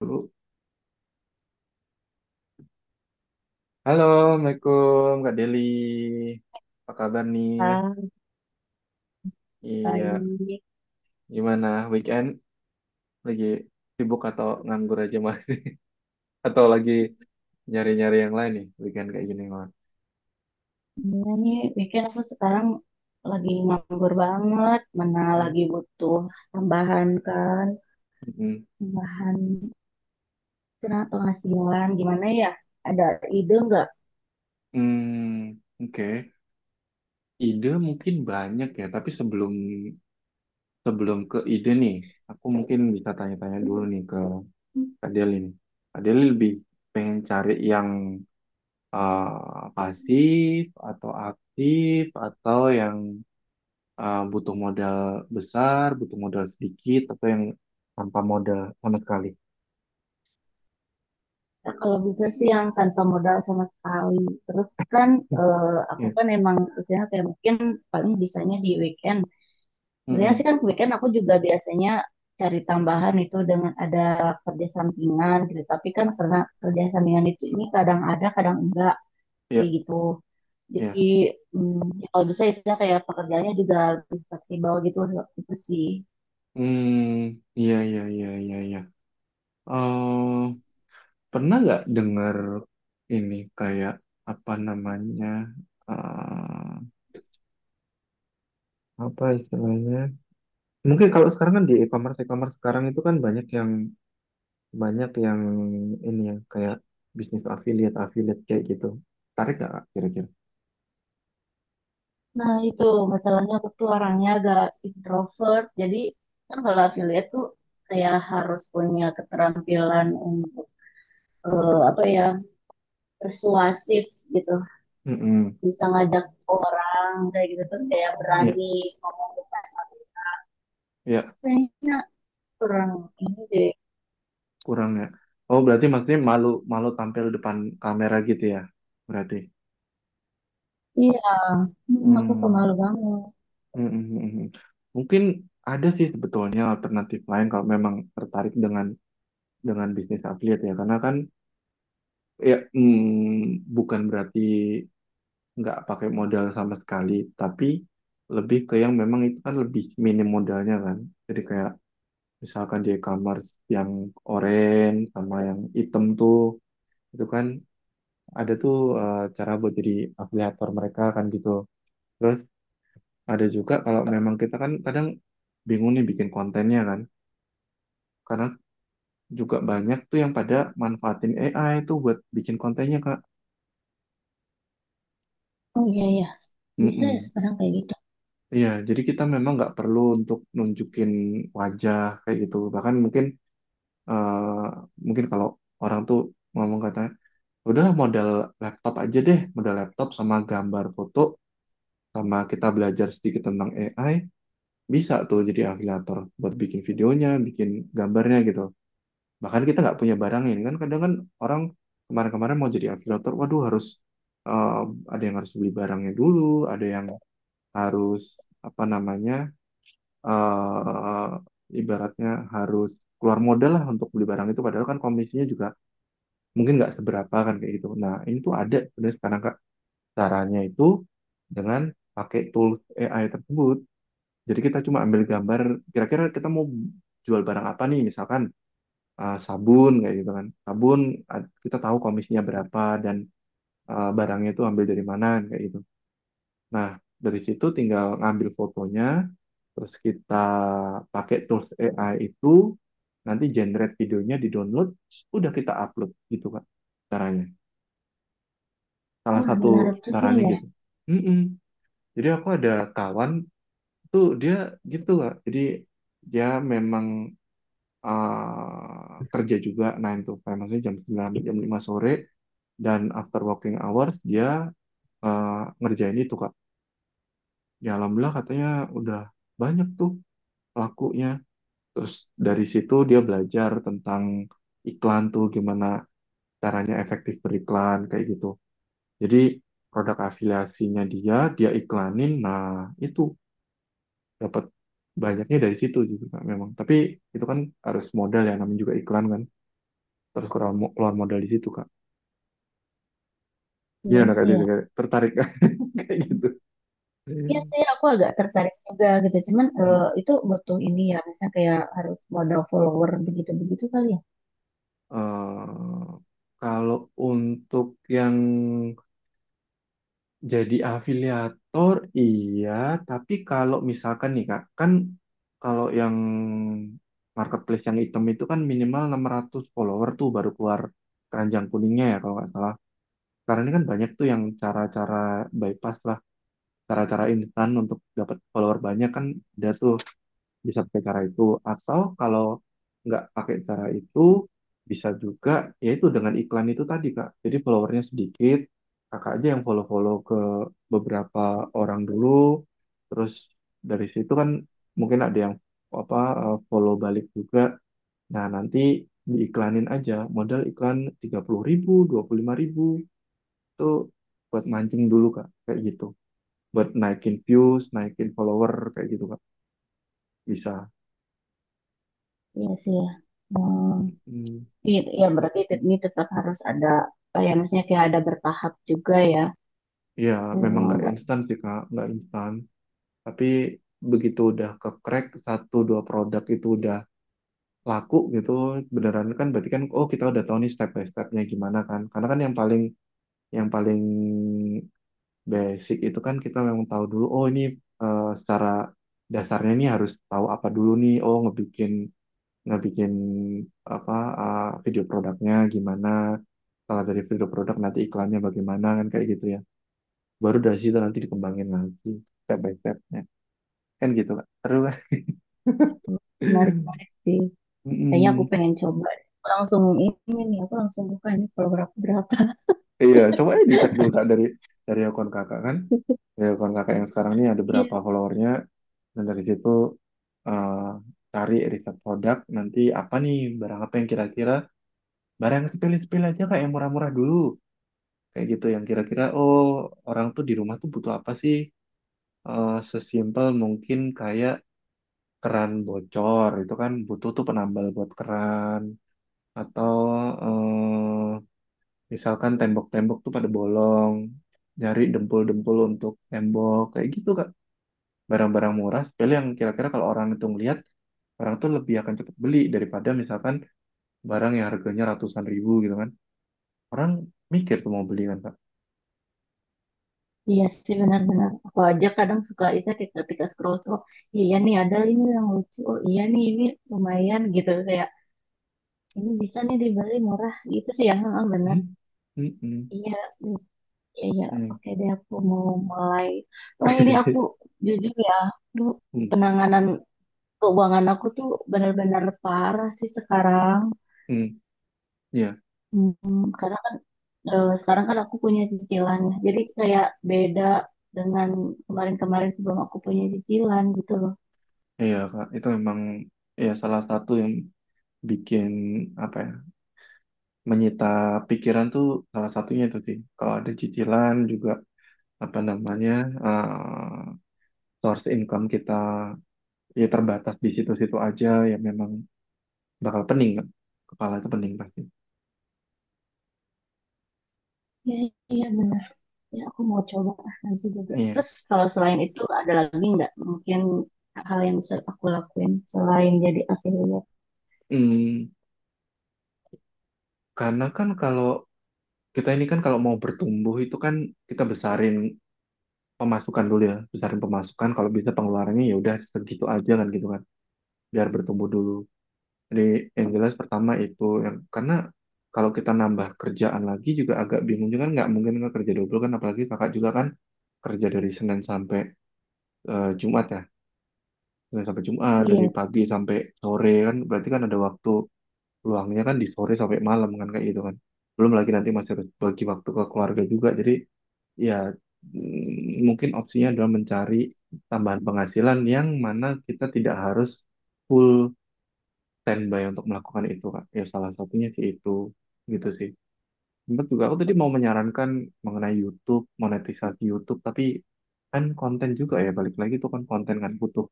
Dulu. Halo, Assalamualaikum Kak Deli. Apa kabar nih? Ah, Iya, baik. gimana weekend? Lagi sibuk atau nganggur aja mah? Atau lagi nyari-nyari yang lain nih weekend kayak gini mah? Iya nih, bikin aku sekarang lagi nganggur banget. Mana Hmm, lagi butuh tambahan kan, hmm, tambahan penghasilan. Gimana ya? Ada ide nggak? hmm, oke. Ide mungkin banyak ya, tapi sebelum sebelum ke ide nih, aku mungkin bisa tanya-tanya dulu nih ke Kak Deli nih. Kak Deli lebih pengen cari yang eh, pasif atau aktif atau yang butuh modal besar, butuh modal sedikit, atau yang tanpa modal sama sekali. Ya, kalau bisa sih yang tanpa modal sama sekali. Terus kan eh, aku Ya, kan emang usianya kayak mungkin paling bisanya di weekend. Sebenarnya sih mm-mm. kan weekend aku juga biasanya cari tambahan itu dengan ada kerja sampingan gitu. Tapi kan karena kerja sampingan itu ini kadang ada, kadang enggak Ya, kayak gitu. Jadi ya. Ya kalau bisa istilah kayak pekerjaannya juga lebih fleksibel gitu itu sih. Hmm, iya, iya, iya, iya, iya. Eh, Pernah nggak dengar ini kayak apa namanya? eh, Apa istilahnya? Mungkin kalau sekarang kan di e-commerce sekarang itu kan banyak yang ini ya kayak bisnis affiliate, affiliate kayak gitu. Tarik nggak Kak, kira-kira? Nah itu masalahnya aku tuh orangnya agak introvert. Jadi kan kalau affiliate tuh kayak harus punya keterampilan untuk apa ya, persuasif gitu, Mm-mm. bisa ngajak orang kayak gitu, terus kayak Iya, berani ngomong "Oh, iya. kayaknya kurang ini deh." Kurang ya. Oh, berarti maksudnya malu malu tampil depan kamera gitu ya. Berarti. Iya, hmm, aku Hmm. pemalu banget. Hmm, hmm, hmm, hmm. Mungkin ada sih sebetulnya alternatif lain kalau memang tertarik dengan bisnis affiliate ya. Karena kan ya bukan berarti nggak pakai modal sama sekali, tapi lebih ke yang memang itu kan lebih minim modalnya kan. Jadi kayak misalkan di e-commerce yang orange sama yang hitam tuh itu kan ada tuh cara buat jadi afiliator mereka kan gitu. Terus ada juga kalau memang kita kan kadang bingung nih bikin kontennya kan. Karena juga banyak tuh yang pada manfaatin AI tuh buat bikin kontennya Kak. Oh iya ya, bisa ya Mm-mm. sekarang kayak gitu. Iya, jadi kita memang nggak perlu untuk nunjukin wajah kayak gitu. Bahkan eh, mungkin kalau orang tuh ngomong katanya, udahlah modal laptop aja deh, modal laptop sama gambar foto sama kita belajar sedikit tentang AI. Bisa tuh jadi afiliator buat bikin videonya, bikin gambarnya gitu. Bahkan kita nggak punya barangnya. Ini kan kadang kan orang kemarin-kemarin mau jadi afiliator, waduh harus eh, ada yang harus beli barangnya dulu, ada yang harus apa namanya, eh ibaratnya harus keluar modal lah untuk beli barang itu. Padahal kan komisinya juga mungkin nggak seberapa kan kayak gitu. Nah ini tuh ada sebenarnya sekarang Kak. Caranya itu dengan pakai tools AI tersebut jadi kita cuma ambil gambar, kira-kira kita mau jual barang apa nih, misalkan sabun kayak gitu kan. Kita tahu komisinya berapa dan barangnya itu ambil dari mana kayak gitu. Nah, dari situ tinggal ngambil fotonya, terus kita pakai tools AI itu nanti generate videonya di-download, udah kita upload gitu Kak caranya. Salah Wah, satu menarik juga caranya ya. gitu. Mm-mm. Jadi aku ada kawan tuh dia gitu Kak. Jadi dia memang kerja juga 9 to 5, maksudnya jam 9 sampai jam 5 sore, dan after working hours dia ngerjain itu, Kak. Ya alhamdulillah katanya udah banyak tuh lakunya. Terus dari situ dia belajar tentang iklan tuh, gimana caranya efektif beriklan, kayak gitu. Jadi produk afiliasinya dia, iklanin, nah itu dapat banyaknya dari situ juga Kak, memang. Tapi itu kan harus modal ya, namanya juga iklan kan. Terus keluar keluar modal di situ, Kak. Iya, Iya anak sih IT ya. juga tertarik kayak gitu. Hmm. Iya sih, aku agak tertarik juga gitu. Cuman itu butuh ini ya, misalnya kayak harus modal follower begitu-begitu kali ya. Eh, Kalau untuk yang jadi afiliator, iya. Tapi kalau misalkan nih Kak, kan kalau yang marketplace yang hitam itu kan minimal 600 follower tuh baru keluar keranjang kuningnya ya kalau nggak salah. Karena ini kan banyak tuh yang cara-cara bypass lah, cara-cara instan untuk dapat follower banyak kan ada tuh. Bisa pakai cara itu atau kalau nggak pakai cara itu bisa juga, yaitu dengan iklan itu tadi Kak. Jadi followernya sedikit, kakak aja yang follow-follow ke beberapa orang dulu. Terus dari situ kan mungkin ada yang apa follow balik juga. Nah nanti diiklanin aja modal iklan 30.000 25.000 itu buat mancing dulu Kak kayak gitu, buat naikin views naikin follower kayak gitu Kak, bisa. Iya sih ya. Hmm. Mm. Iya, ya berarti ini tetap harus ada, kayak maksudnya kayak ada bertahap juga ya. Ya, memang Hmm, nggak nggak. instan sih, Kak. Nggak instan. Tapi begitu udah ke crack satu dua produk itu udah laku gitu, beneran kan, berarti kan oh kita udah tahu nih step by stepnya gimana kan. Karena kan yang paling basic itu kan kita memang tahu dulu oh ini secara dasarnya nih harus tahu apa dulu nih. Oh ngebikin ngebikin apa video produknya gimana. Setelah dari video produk nanti iklannya bagaimana kan kayak gitu ya, baru dari situ nanti dikembangin lagi step by stepnya kan gitu Kak, terus lah. Menarik menarik sih. Kayaknya aku Mm-mm. pengen coba. Aku langsung ini nih, aku langsung buka ini follower aku berapa. Iya coba aja dicek dulu Kak dari akun kakak kan, dari akun kakak yang sekarang ini ada Iya, berapa followernya, dan dari situ eh, cari riset produk nanti apa nih, barang apa yang kira-kira, barang yang sepele-sepele aja Kak yang murah-murah dulu kayak gitu, yang kira-kira oh orang tuh di rumah tuh butuh apa sih. Sesimpel mungkin kayak keran bocor itu kan butuh tuh penambal buat keran, atau eh, misalkan tembok-tembok tuh pada bolong, nyari dempul-dempul untuk tembok, kayak gitu Kak. Barang-barang murah, sepele yang kira-kira kalau orang itu ngelihat, orang tuh lebih akan cepet beli daripada misalkan barang yang harganya ratusan ribu gitu kan. Orang mikir tuh mau beli kan Kak. iya sih benar-benar. Aku aja kadang suka itu kayak ketika scroll scroll. Iya nih ada ini yang lucu. Oh iya nih, ini lumayan gitu, kayak ini bisa nih dibeli murah gitu sih ya, heeh, benar. Hmm? Hmm, hmm, Iya, mm, iya, iya. hmm. Oke deh, aku mau mulai. Soalnya ini aku jujur ya, aduh, Hmm, penanganan keuangan aku tuh benar-benar parah sih sekarang. hmm, iya, Hmm, karena kan sekarang kan aku punya cicilan, jadi kayak beda dengan kemarin-kemarin sebelum aku punya cicilan gitu loh. iya Kak, itu memang ya salah satu yang bikin apa ya, menyita pikiran tuh salah satunya itu sih. Kalau ada cicilan juga apa namanya eh, source income kita ya terbatas di situ-situ aja ya, memang bakal pening kan, kepala itu pening pasti. Iya, iya benar. Ya aku mau coba ah, nanti juga. Iya, Terus kalau selain itu ada lagi nggak mungkin hal yang bisa aku lakuin selain jadi affiliate? hmm, karena kan kalau kita ini kan kalau mau bertumbuh itu kan kita besarin pemasukan dulu ya, besarin pemasukan kalau bisa pengeluarannya ya udah segitu aja kan gitu kan, biar bertumbuh dulu. Jadi yang jelas pertama itu, yang karena kalau kita nambah kerjaan lagi juga agak bingung juga kan, nggak mungkin nggak kerja double kan, apalagi kakak juga kan kerja dari Senin sampai Jumat ya, Senin sampai Jumat dari Iya. pagi sampai sore kan, berarti kan ada waktu luangnya kan di sore sampai malam kan kayak gitu kan, belum lagi nanti masih harus bagi waktu ke keluarga juga. Jadi ya mungkin opsinya adalah mencari tambahan penghasilan yang mana kita tidak harus full standby untuk melakukan itu Kak, ya salah satunya sih itu, gitu sih. Sempat juga aku tadi mau menyarankan mengenai YouTube, monetisasi YouTube, tapi kan konten juga ya, balik lagi itu kan konten kan butuh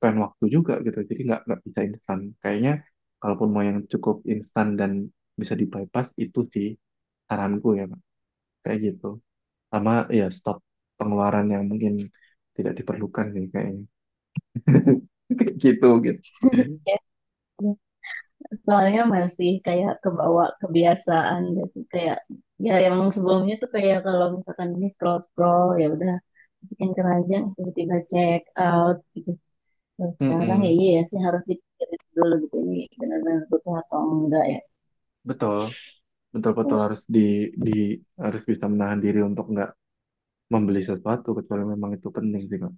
spend waktu juga gitu. Jadi nggak bisa instan. Kayaknya kalaupun mau yang cukup instan dan bisa di-bypass itu sih saranku ya, Pak. Kayak gitu. Sama ya, stop pengeluaran yang mungkin tidak diperlukan sih kayaknya. Kayak gitu gitu. Sih. Soalnya masih kayak kebawa kebiasaan gitu, kayak ya yang sebelumnya tuh kayak kalau misalkan ini scroll scroll ya udah masukin keranjang tiba-tiba check out gitu. Kalau sekarang ya Mm-mm. iya ya sih harus dipikirin dulu gitu, ini benar-benar butuh atau enggak ya. Betul, betul-betul Oh, harus di harus bisa menahan diri untuk nggak membeli sesuatu kecuali memang itu penting sih Kak.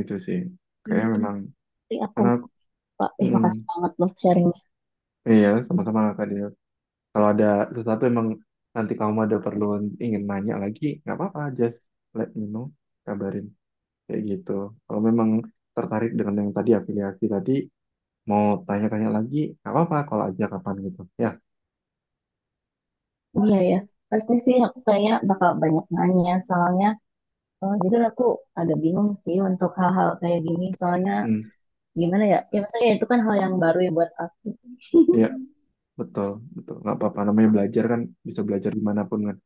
Itu sih. iya Kayaknya iya. memang. Nanti aku, karena aku- pak, mm, makasih banget loh sharingnya. iya, sama-sama Kak Dea. Kalau ada sesuatu emang nanti kamu ada perlu ingin nanya lagi, nggak apa-apa, just let me know, kabarin kayak gitu. Kalau memang tertarik dengan yang tadi afiliasi tadi, mau tanya-tanya lagi, nggak apa-apa, kalau aja kapan gitu. Ya, Iya ya, pasti sih aku kayak bakal banyak nanya soalnya jujur aku ada bingung sih untuk hal-hal kayak gini, soalnya hmm, gimana ya, ya maksudnya itu kan hal yang baru ya buat. ya betul, betul, nggak apa-apa. Namanya belajar kan bisa belajar dimanapun kan.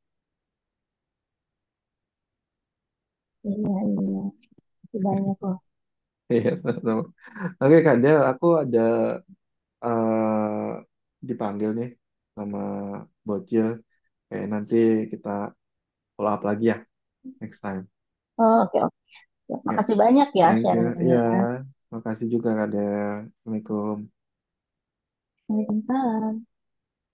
Iya, iya. Makasih banyak loh. Iya, sama-sama. Oke Kak Del, aku ada eh, dipanggil nih sama Bocil. Kayak nanti kita follow up lagi ya next time. Oh, oke, oke. Ya. Makasih banyak ya Thank you. Iya, sharingnya. makasih juga Kak Del. Assalamualaikum. Waalaikumsalam.